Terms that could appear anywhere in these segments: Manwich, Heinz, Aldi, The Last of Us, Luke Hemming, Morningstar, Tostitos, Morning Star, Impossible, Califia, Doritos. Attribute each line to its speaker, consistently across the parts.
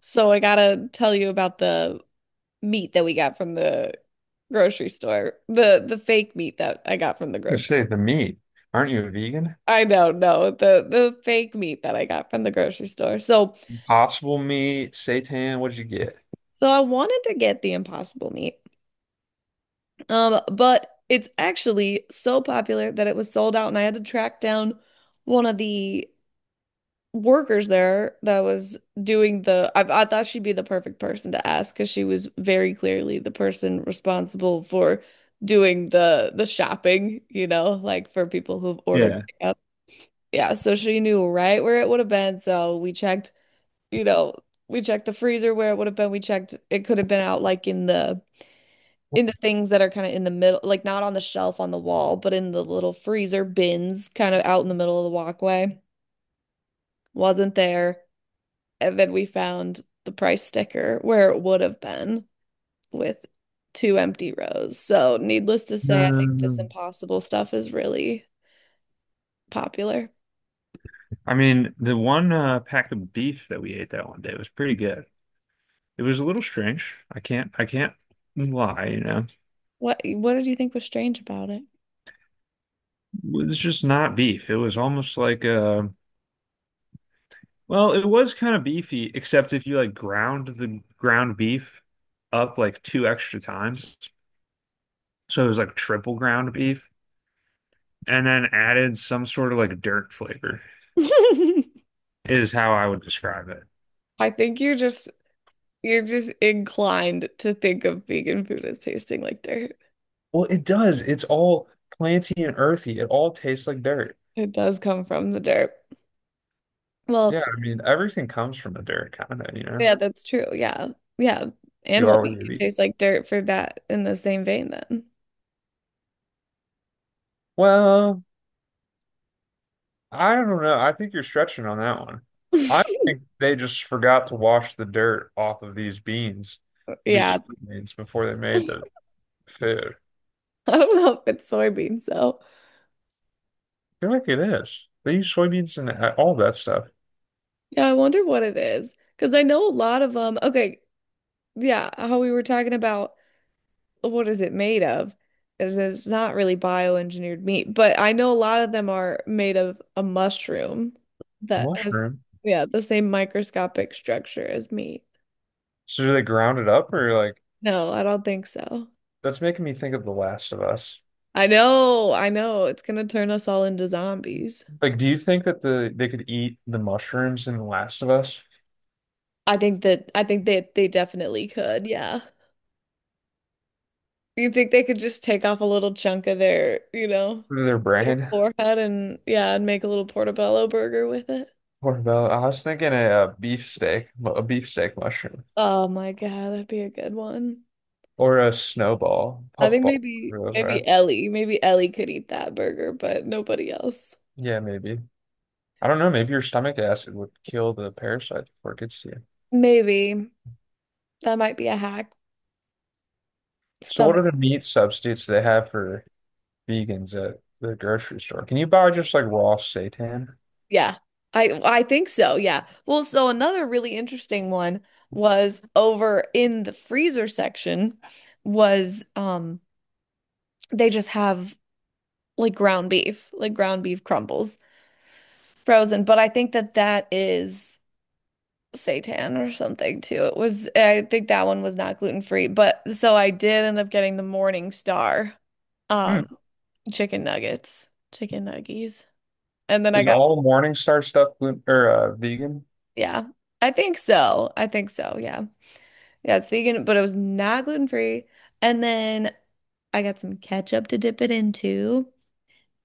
Speaker 1: So I gotta tell you about the meat that we got from the grocery store. The fake meat that I got from the
Speaker 2: You
Speaker 1: grocery.
Speaker 2: say the meat. Aren't you a vegan?
Speaker 1: I don't know, no, the fake meat that I got from the grocery store. So
Speaker 2: Impossible meat, seitan, what did you get?
Speaker 1: so I wanted to get the impossible meat. But it's actually so popular that it was sold out and I had to track down one of the workers there that was doing the I thought she'd be the perfect person to ask because she was very clearly the person responsible for doing the shopping, like for people who've ordered
Speaker 2: Yeah.
Speaker 1: pickup. Yeah, so she knew right where it would have been. So we checked, you know, we checked the freezer where it would have been. We checked it could have been out like in the things that are kind of in the middle, like not on the shelf on the wall, but in the little freezer bins kind of out in the middle of the walkway. Wasn't there. And then we found the price sticker where it would have been with two empty rows. So, needless to say, I think this
Speaker 2: Um,
Speaker 1: impossible stuff is really popular.
Speaker 2: I mean, the one pack of beef that we ate that one day was pretty good. It was a little strange. I can't lie, you know.
Speaker 1: What did you think was strange about it?
Speaker 2: It was just not beef. It was almost like well, it was kind of beefy, except if you like ground the ground beef up like two extra times. So it was like triple ground beef and then added some sort of like dirt flavor. is how I would describe it.
Speaker 1: I think you're just inclined to think of vegan food as tasting like dirt.
Speaker 2: Well, it does. It's all planty and earthy. It all tastes like dirt.
Speaker 1: It does come from the dirt. Well,
Speaker 2: Yeah, I mean, everything comes from the dirt, kind of, you know.
Speaker 1: yeah, that's true. Yeah. Yeah.
Speaker 2: You
Speaker 1: Animal
Speaker 2: are what
Speaker 1: meat
Speaker 2: you
Speaker 1: can
Speaker 2: eat.
Speaker 1: taste like dirt for that in the same vein then.
Speaker 2: Well, I don't know. I think you're stretching on that one. I think they just forgot to wash the dirt off of these beans, these
Speaker 1: Yeah.
Speaker 2: soybeans, before they made
Speaker 1: I
Speaker 2: the food.
Speaker 1: don't know if it's soybeans though.
Speaker 2: I feel like it is. They use soybeans and all that stuff.
Speaker 1: Yeah, I wonder what it is. Because I know a lot of them. Okay, yeah, how we were talking about what is it made of? It's not really bioengineered meat, but I know a lot of them are made of a mushroom that has,
Speaker 2: Mushroom.
Speaker 1: yeah, the same microscopic structure as meat.
Speaker 2: So do they ground it up or like
Speaker 1: No, I don't think so.
Speaker 2: that's making me think of The Last of Us.
Speaker 1: I know, I know. It's gonna turn us all into zombies.
Speaker 2: Like, do you think that they could eat the mushrooms in The Last of Us
Speaker 1: I think that they definitely could, yeah. You think they could just take off a little chunk of their, you know,
Speaker 2: through their
Speaker 1: your
Speaker 2: brain?
Speaker 1: forehead and yeah, and make a little portobello burger with it?
Speaker 2: What about? I was thinking a beef steak mushroom,
Speaker 1: Oh my God, that'd be a good one.
Speaker 2: or a snowball,
Speaker 1: I think
Speaker 2: puffball.
Speaker 1: maybe
Speaker 2: whatever Those
Speaker 1: maybe
Speaker 2: are.
Speaker 1: Ellie, maybe Ellie could eat that burger, but nobody else.
Speaker 2: Yeah, maybe. I don't know. Maybe your stomach acid would kill the parasite before it gets to you.
Speaker 1: Maybe that might be a hack.
Speaker 2: So, what
Speaker 1: Stomach.
Speaker 2: other meat substitutes do they have for vegans at the grocery store? Can you buy just like raw seitan?
Speaker 1: Yeah. I think so. Yeah. Well, so another really interesting one was over in the freezer section was they just have like ground beef crumbles frozen. But I think that that is seitan or something too. It was, I think that one was not gluten free. But so I did end up getting the Morning Star,
Speaker 2: Hmm.
Speaker 1: um, chicken nuggets, chicken nuggies. And then I
Speaker 2: Is
Speaker 1: got,
Speaker 2: all Morningstar stuff gluten or vegan?
Speaker 1: yeah, I think so. I think so. Yeah. Yeah. It's vegan, but it was not gluten free. And then I got some ketchup to dip it into.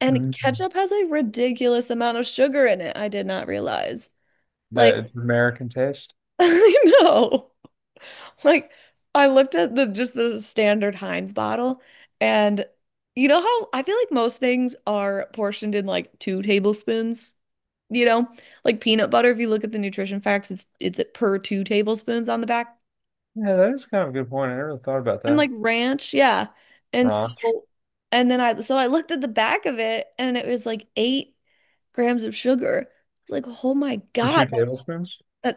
Speaker 1: And
Speaker 2: Mm.
Speaker 1: ketchup has a ridiculous amount of sugar in it. I did not realize.
Speaker 2: That
Speaker 1: Like,
Speaker 2: it's American taste.
Speaker 1: I know. Like I looked at the just the standard Heinz bottle and you know how I feel like most things are portioned in like 2 tablespoons, you know? Like peanut butter, if you look at the nutrition facts, it's at per 2 tablespoons on the back.
Speaker 2: Yeah, that is kind of a good point. I never thought about
Speaker 1: And like
Speaker 2: that.
Speaker 1: ranch, yeah. And
Speaker 2: Wrong.
Speaker 1: so and then I so I looked at the back of it and it was like 8 grams of sugar. I was like, oh my
Speaker 2: For
Speaker 1: God,
Speaker 2: two
Speaker 1: that's
Speaker 2: tablespoons?
Speaker 1: Uh,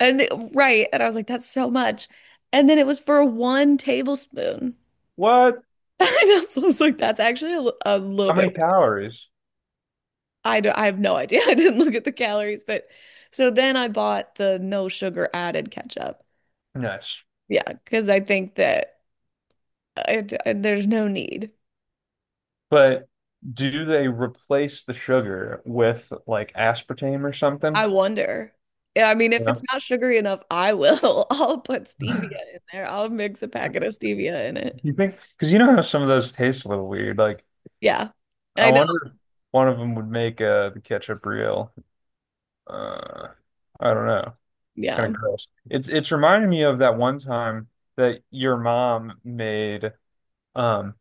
Speaker 1: right. And I was like, that's so much. And then it was for 1 tablespoon.
Speaker 2: What?
Speaker 1: And I was like, that's actually a little
Speaker 2: How
Speaker 1: bit
Speaker 2: many
Speaker 1: ridiculous.
Speaker 2: calories?
Speaker 1: I don't, I have no idea. I didn't look at the calories, but so then I bought the no sugar added ketchup.
Speaker 2: Nuts.
Speaker 1: Yeah, because I think that there's no need.
Speaker 2: But do they replace the sugar with like aspartame or something?
Speaker 1: I wonder. Yeah, I mean,
Speaker 2: You
Speaker 1: if it's
Speaker 2: know?
Speaker 1: not sugary enough, I will. I'll put stevia in there. I'll mix a packet of stevia in it.
Speaker 2: You think? Because you know how some of those taste a little weird. Like,
Speaker 1: Yeah,
Speaker 2: I
Speaker 1: I know.
Speaker 2: wonder if one of them would make the ketchup real. Uh, I don't know. Kind
Speaker 1: Yeah.
Speaker 2: of gross. It's reminding me of that one time that your mom made. Um,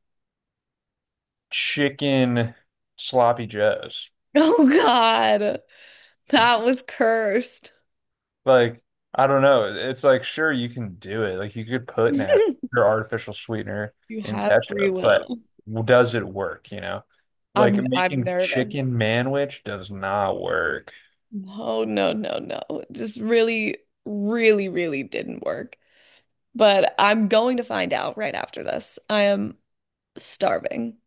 Speaker 2: chicken sloppy joes.
Speaker 1: Oh God. That was cursed.
Speaker 2: Like, I don't know. It's like, sure, you can do it. Like, you could put nat your artificial sweetener
Speaker 1: You
Speaker 2: in
Speaker 1: have free
Speaker 2: ketchup, but
Speaker 1: will.
Speaker 2: does it work, you know? Like,
Speaker 1: I'm
Speaker 2: making
Speaker 1: nervous.
Speaker 2: chicken manwich does not work.
Speaker 1: No, no, no, no. It just really, really, really didn't work. But I'm going to find out right after this. I am starving.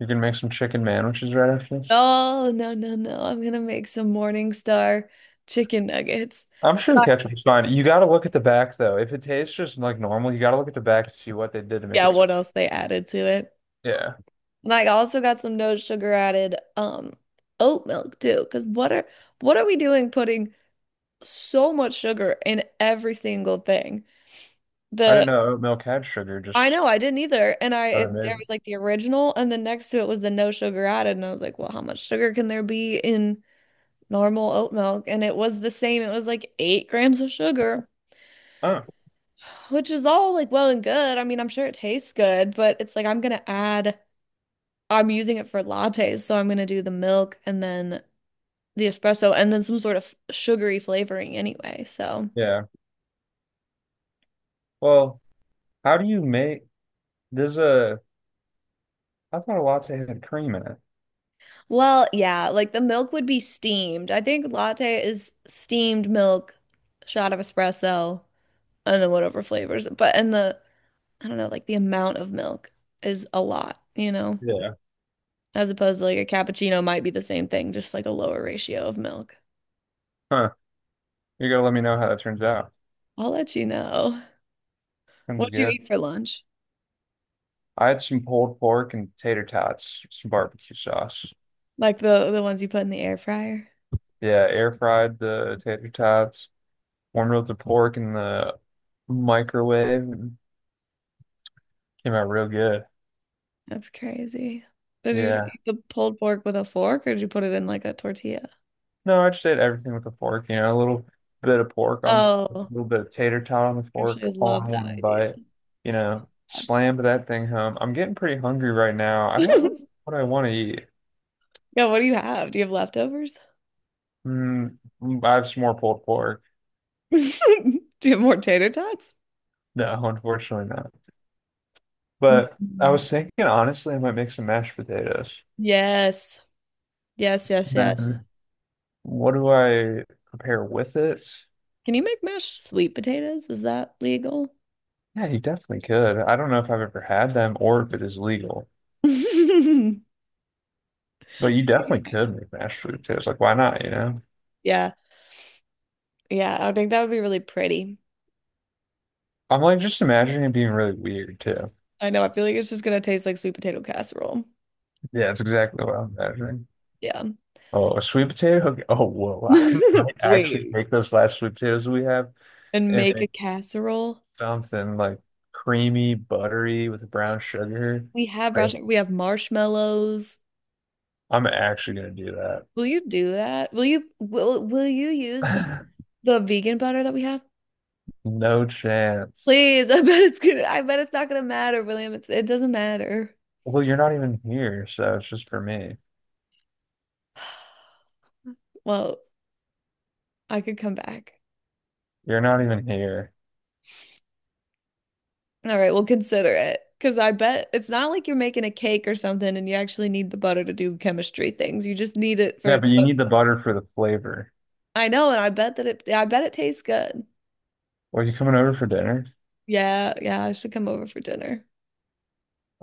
Speaker 2: You can make some chicken manwiches right after this.
Speaker 1: Oh, no, no, no. I'm gonna make some Morningstar chicken nuggets.
Speaker 2: I'm sure the
Speaker 1: And I-
Speaker 2: ketchup is fine. You got to look at the back, though. If it tastes just like normal, you got to look at the back to see what they did to make
Speaker 1: Yeah,
Speaker 2: it.
Speaker 1: what else they added to it?
Speaker 2: Yeah.
Speaker 1: And I also got some no sugar added oat milk too. Because what are we doing putting so much sugar in every single thing.
Speaker 2: I
Speaker 1: The
Speaker 2: didn't know oat milk had sugar,
Speaker 1: I
Speaker 2: just
Speaker 1: know I didn't either, and
Speaker 2: how they made
Speaker 1: there
Speaker 2: it.
Speaker 1: was like the original, and then next to it was the no sugar added, and I was like, well, how much sugar can there be in normal oat milk? And it was the same. It was like 8 grams of sugar,
Speaker 2: Oh,
Speaker 1: which is all like well and good. I mean, I'm sure it tastes good, but it's like I'm gonna add. I'm using it for lattes, so I'm gonna do the milk and then the espresso and then some sort of sugary flavoring anyway. So.
Speaker 2: yeah. Well, how do you make? There's a, I thought a latte had cream in it.
Speaker 1: Well, yeah, like the milk would be steamed. I think latte is steamed milk, shot of espresso, and then whatever flavors. But and the I don't know, like the amount of milk is a lot, you know,
Speaker 2: Yeah.
Speaker 1: as opposed to like a cappuccino might be the same thing, just like a lower ratio of milk.
Speaker 2: Huh. You gotta let me know how that turns out.
Speaker 1: I'll let you know.
Speaker 2: Sounds
Speaker 1: What'd you
Speaker 2: good.
Speaker 1: eat for lunch?
Speaker 2: I had some pulled pork and tater tots, some barbecue sauce.
Speaker 1: Like the ones you put in the air fryer?
Speaker 2: Yeah, air fried the tater tots, warmed up the pork in the microwave, and came out real good.
Speaker 1: That's crazy. Did you just
Speaker 2: Yeah.
Speaker 1: eat the pulled pork with a fork, or did you put it in like a tortilla?
Speaker 2: No, I just ate everything with a fork, you know, a little bit of pork on, a
Speaker 1: Oh,
Speaker 2: little bit of tater tot on the
Speaker 1: I actually
Speaker 2: fork, all in
Speaker 1: love that
Speaker 2: one
Speaker 1: idea.
Speaker 2: bite. You know, slammed that thing home. I'm getting pretty hungry right now. I don't really know what I want to eat.
Speaker 1: Yeah, what do you have? Do you have leftovers?
Speaker 2: Mm, I have some more pulled pork.
Speaker 1: Do you have more tater tots?
Speaker 2: No, unfortunately not. But I
Speaker 1: Mhm.
Speaker 2: was thinking, honestly, I might make some mashed potatoes.
Speaker 1: Yes. Yes, yes, yes.
Speaker 2: Then what do I prepare with it?
Speaker 1: Can you make mashed sweet potatoes? Is that legal?
Speaker 2: Yeah, you definitely could. I don't know if I've ever had them or if it is legal, but you definitely could make mashed potatoes. Like, why not, you know?
Speaker 1: Yeah. Yeah, I think that would be really pretty.
Speaker 2: I'm like just imagining it being really weird too.
Speaker 1: I know. I feel like it's just gonna taste like sweet potato casserole.
Speaker 2: Yeah, that's exactly what I'm imagining.
Speaker 1: Yeah.
Speaker 2: Oh, a sweet potato? Okay. Oh, whoa. I might actually
Speaker 1: Wait.
Speaker 2: make those last sweet potatoes we have.
Speaker 1: And
Speaker 2: And
Speaker 1: make
Speaker 2: make.
Speaker 1: a casserole.
Speaker 2: Something like creamy, buttery with brown sugar.
Speaker 1: We have brown
Speaker 2: Like,
Speaker 1: sugar. We have marshmallows.
Speaker 2: I'm actually gonna do
Speaker 1: Will you do that? Will you will you use
Speaker 2: that.
Speaker 1: the vegan butter that we have?
Speaker 2: No chance.
Speaker 1: Please, I bet it's gonna, I bet it's not gonna matter, William. It's, it doesn't matter.
Speaker 2: Well, you're not even here, so it's just for me.
Speaker 1: Well, I could come back.
Speaker 2: You're not even here.
Speaker 1: All right, we'll consider it. Because I bet it's not like you're making a cake or something and you actually need the butter to do chemistry things. You just need it
Speaker 2: Yeah,
Speaker 1: for the,
Speaker 2: but you need the butter for the flavor.
Speaker 1: I know, and I bet that it, I bet it tastes good.
Speaker 2: Well, you coming over for dinner?
Speaker 1: Yeah, yeah, I should come over for dinner.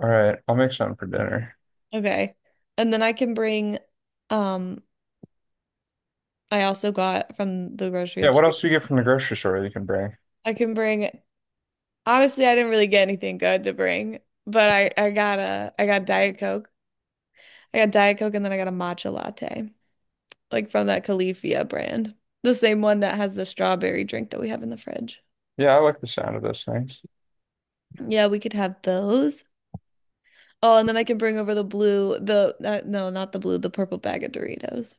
Speaker 2: All right, I'll make something for dinner.
Speaker 1: Okay. And then I can bring, um, I also got from the grocery,
Speaker 2: Yeah,
Speaker 1: too.
Speaker 2: what else do you get from the grocery store that you can bring?
Speaker 1: I can bring Honestly, I didn't really get anything good to bring, but I got a I got Diet Coke. I got Diet Coke and then I got a matcha latte, like from that Califia brand. The same one that has the strawberry drink that we have in the fridge.
Speaker 2: Yeah, I like the sound of those things.
Speaker 1: Yeah, we could have those. Oh, and then I can bring over the blue, the no, not the blue, the purple bag of Doritos.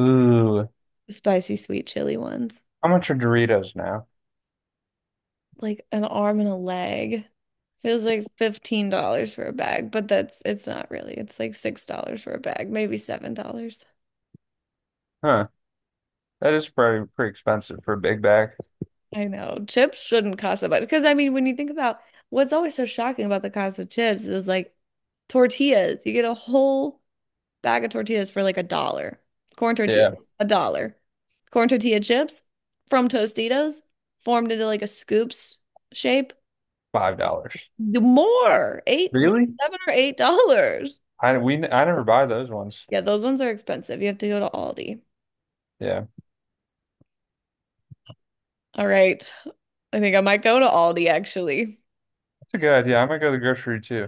Speaker 2: Ooh,
Speaker 1: The spicy sweet chili ones.
Speaker 2: how much are Doritos now?
Speaker 1: Like an arm and a leg. It was like $15 for a bag, but that's it's not really. It's like $6 for a bag, maybe $7.
Speaker 2: Huh, that is probably pretty expensive for a big bag.
Speaker 1: I know chips shouldn't cost that much because I mean, when you think about what's always so shocking about the cost of chips is like tortillas. You get a whole bag of tortillas for like a dollar. Corn
Speaker 2: Yeah,
Speaker 1: tortillas, a dollar. Corn tortilla chips from Tostitos formed into like a scoops shape.
Speaker 2: $5.
Speaker 1: The More, eight, like
Speaker 2: Really?
Speaker 1: $7 or $8.
Speaker 2: I never buy those ones.
Speaker 1: Yeah, those ones are expensive. You have to go to Aldi.
Speaker 2: Yeah,
Speaker 1: All right. I think I might go to Aldi actually.
Speaker 2: that's a good idea. I'm gonna go to the grocery too.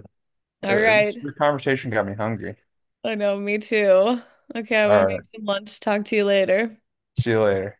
Speaker 1: All
Speaker 2: It,
Speaker 1: right.
Speaker 2: it's, the conversation got me hungry.
Speaker 1: I know, me too. Okay,
Speaker 2: All
Speaker 1: I'm gonna make
Speaker 2: right,
Speaker 1: some lunch. Talk to you later.
Speaker 2: see you later.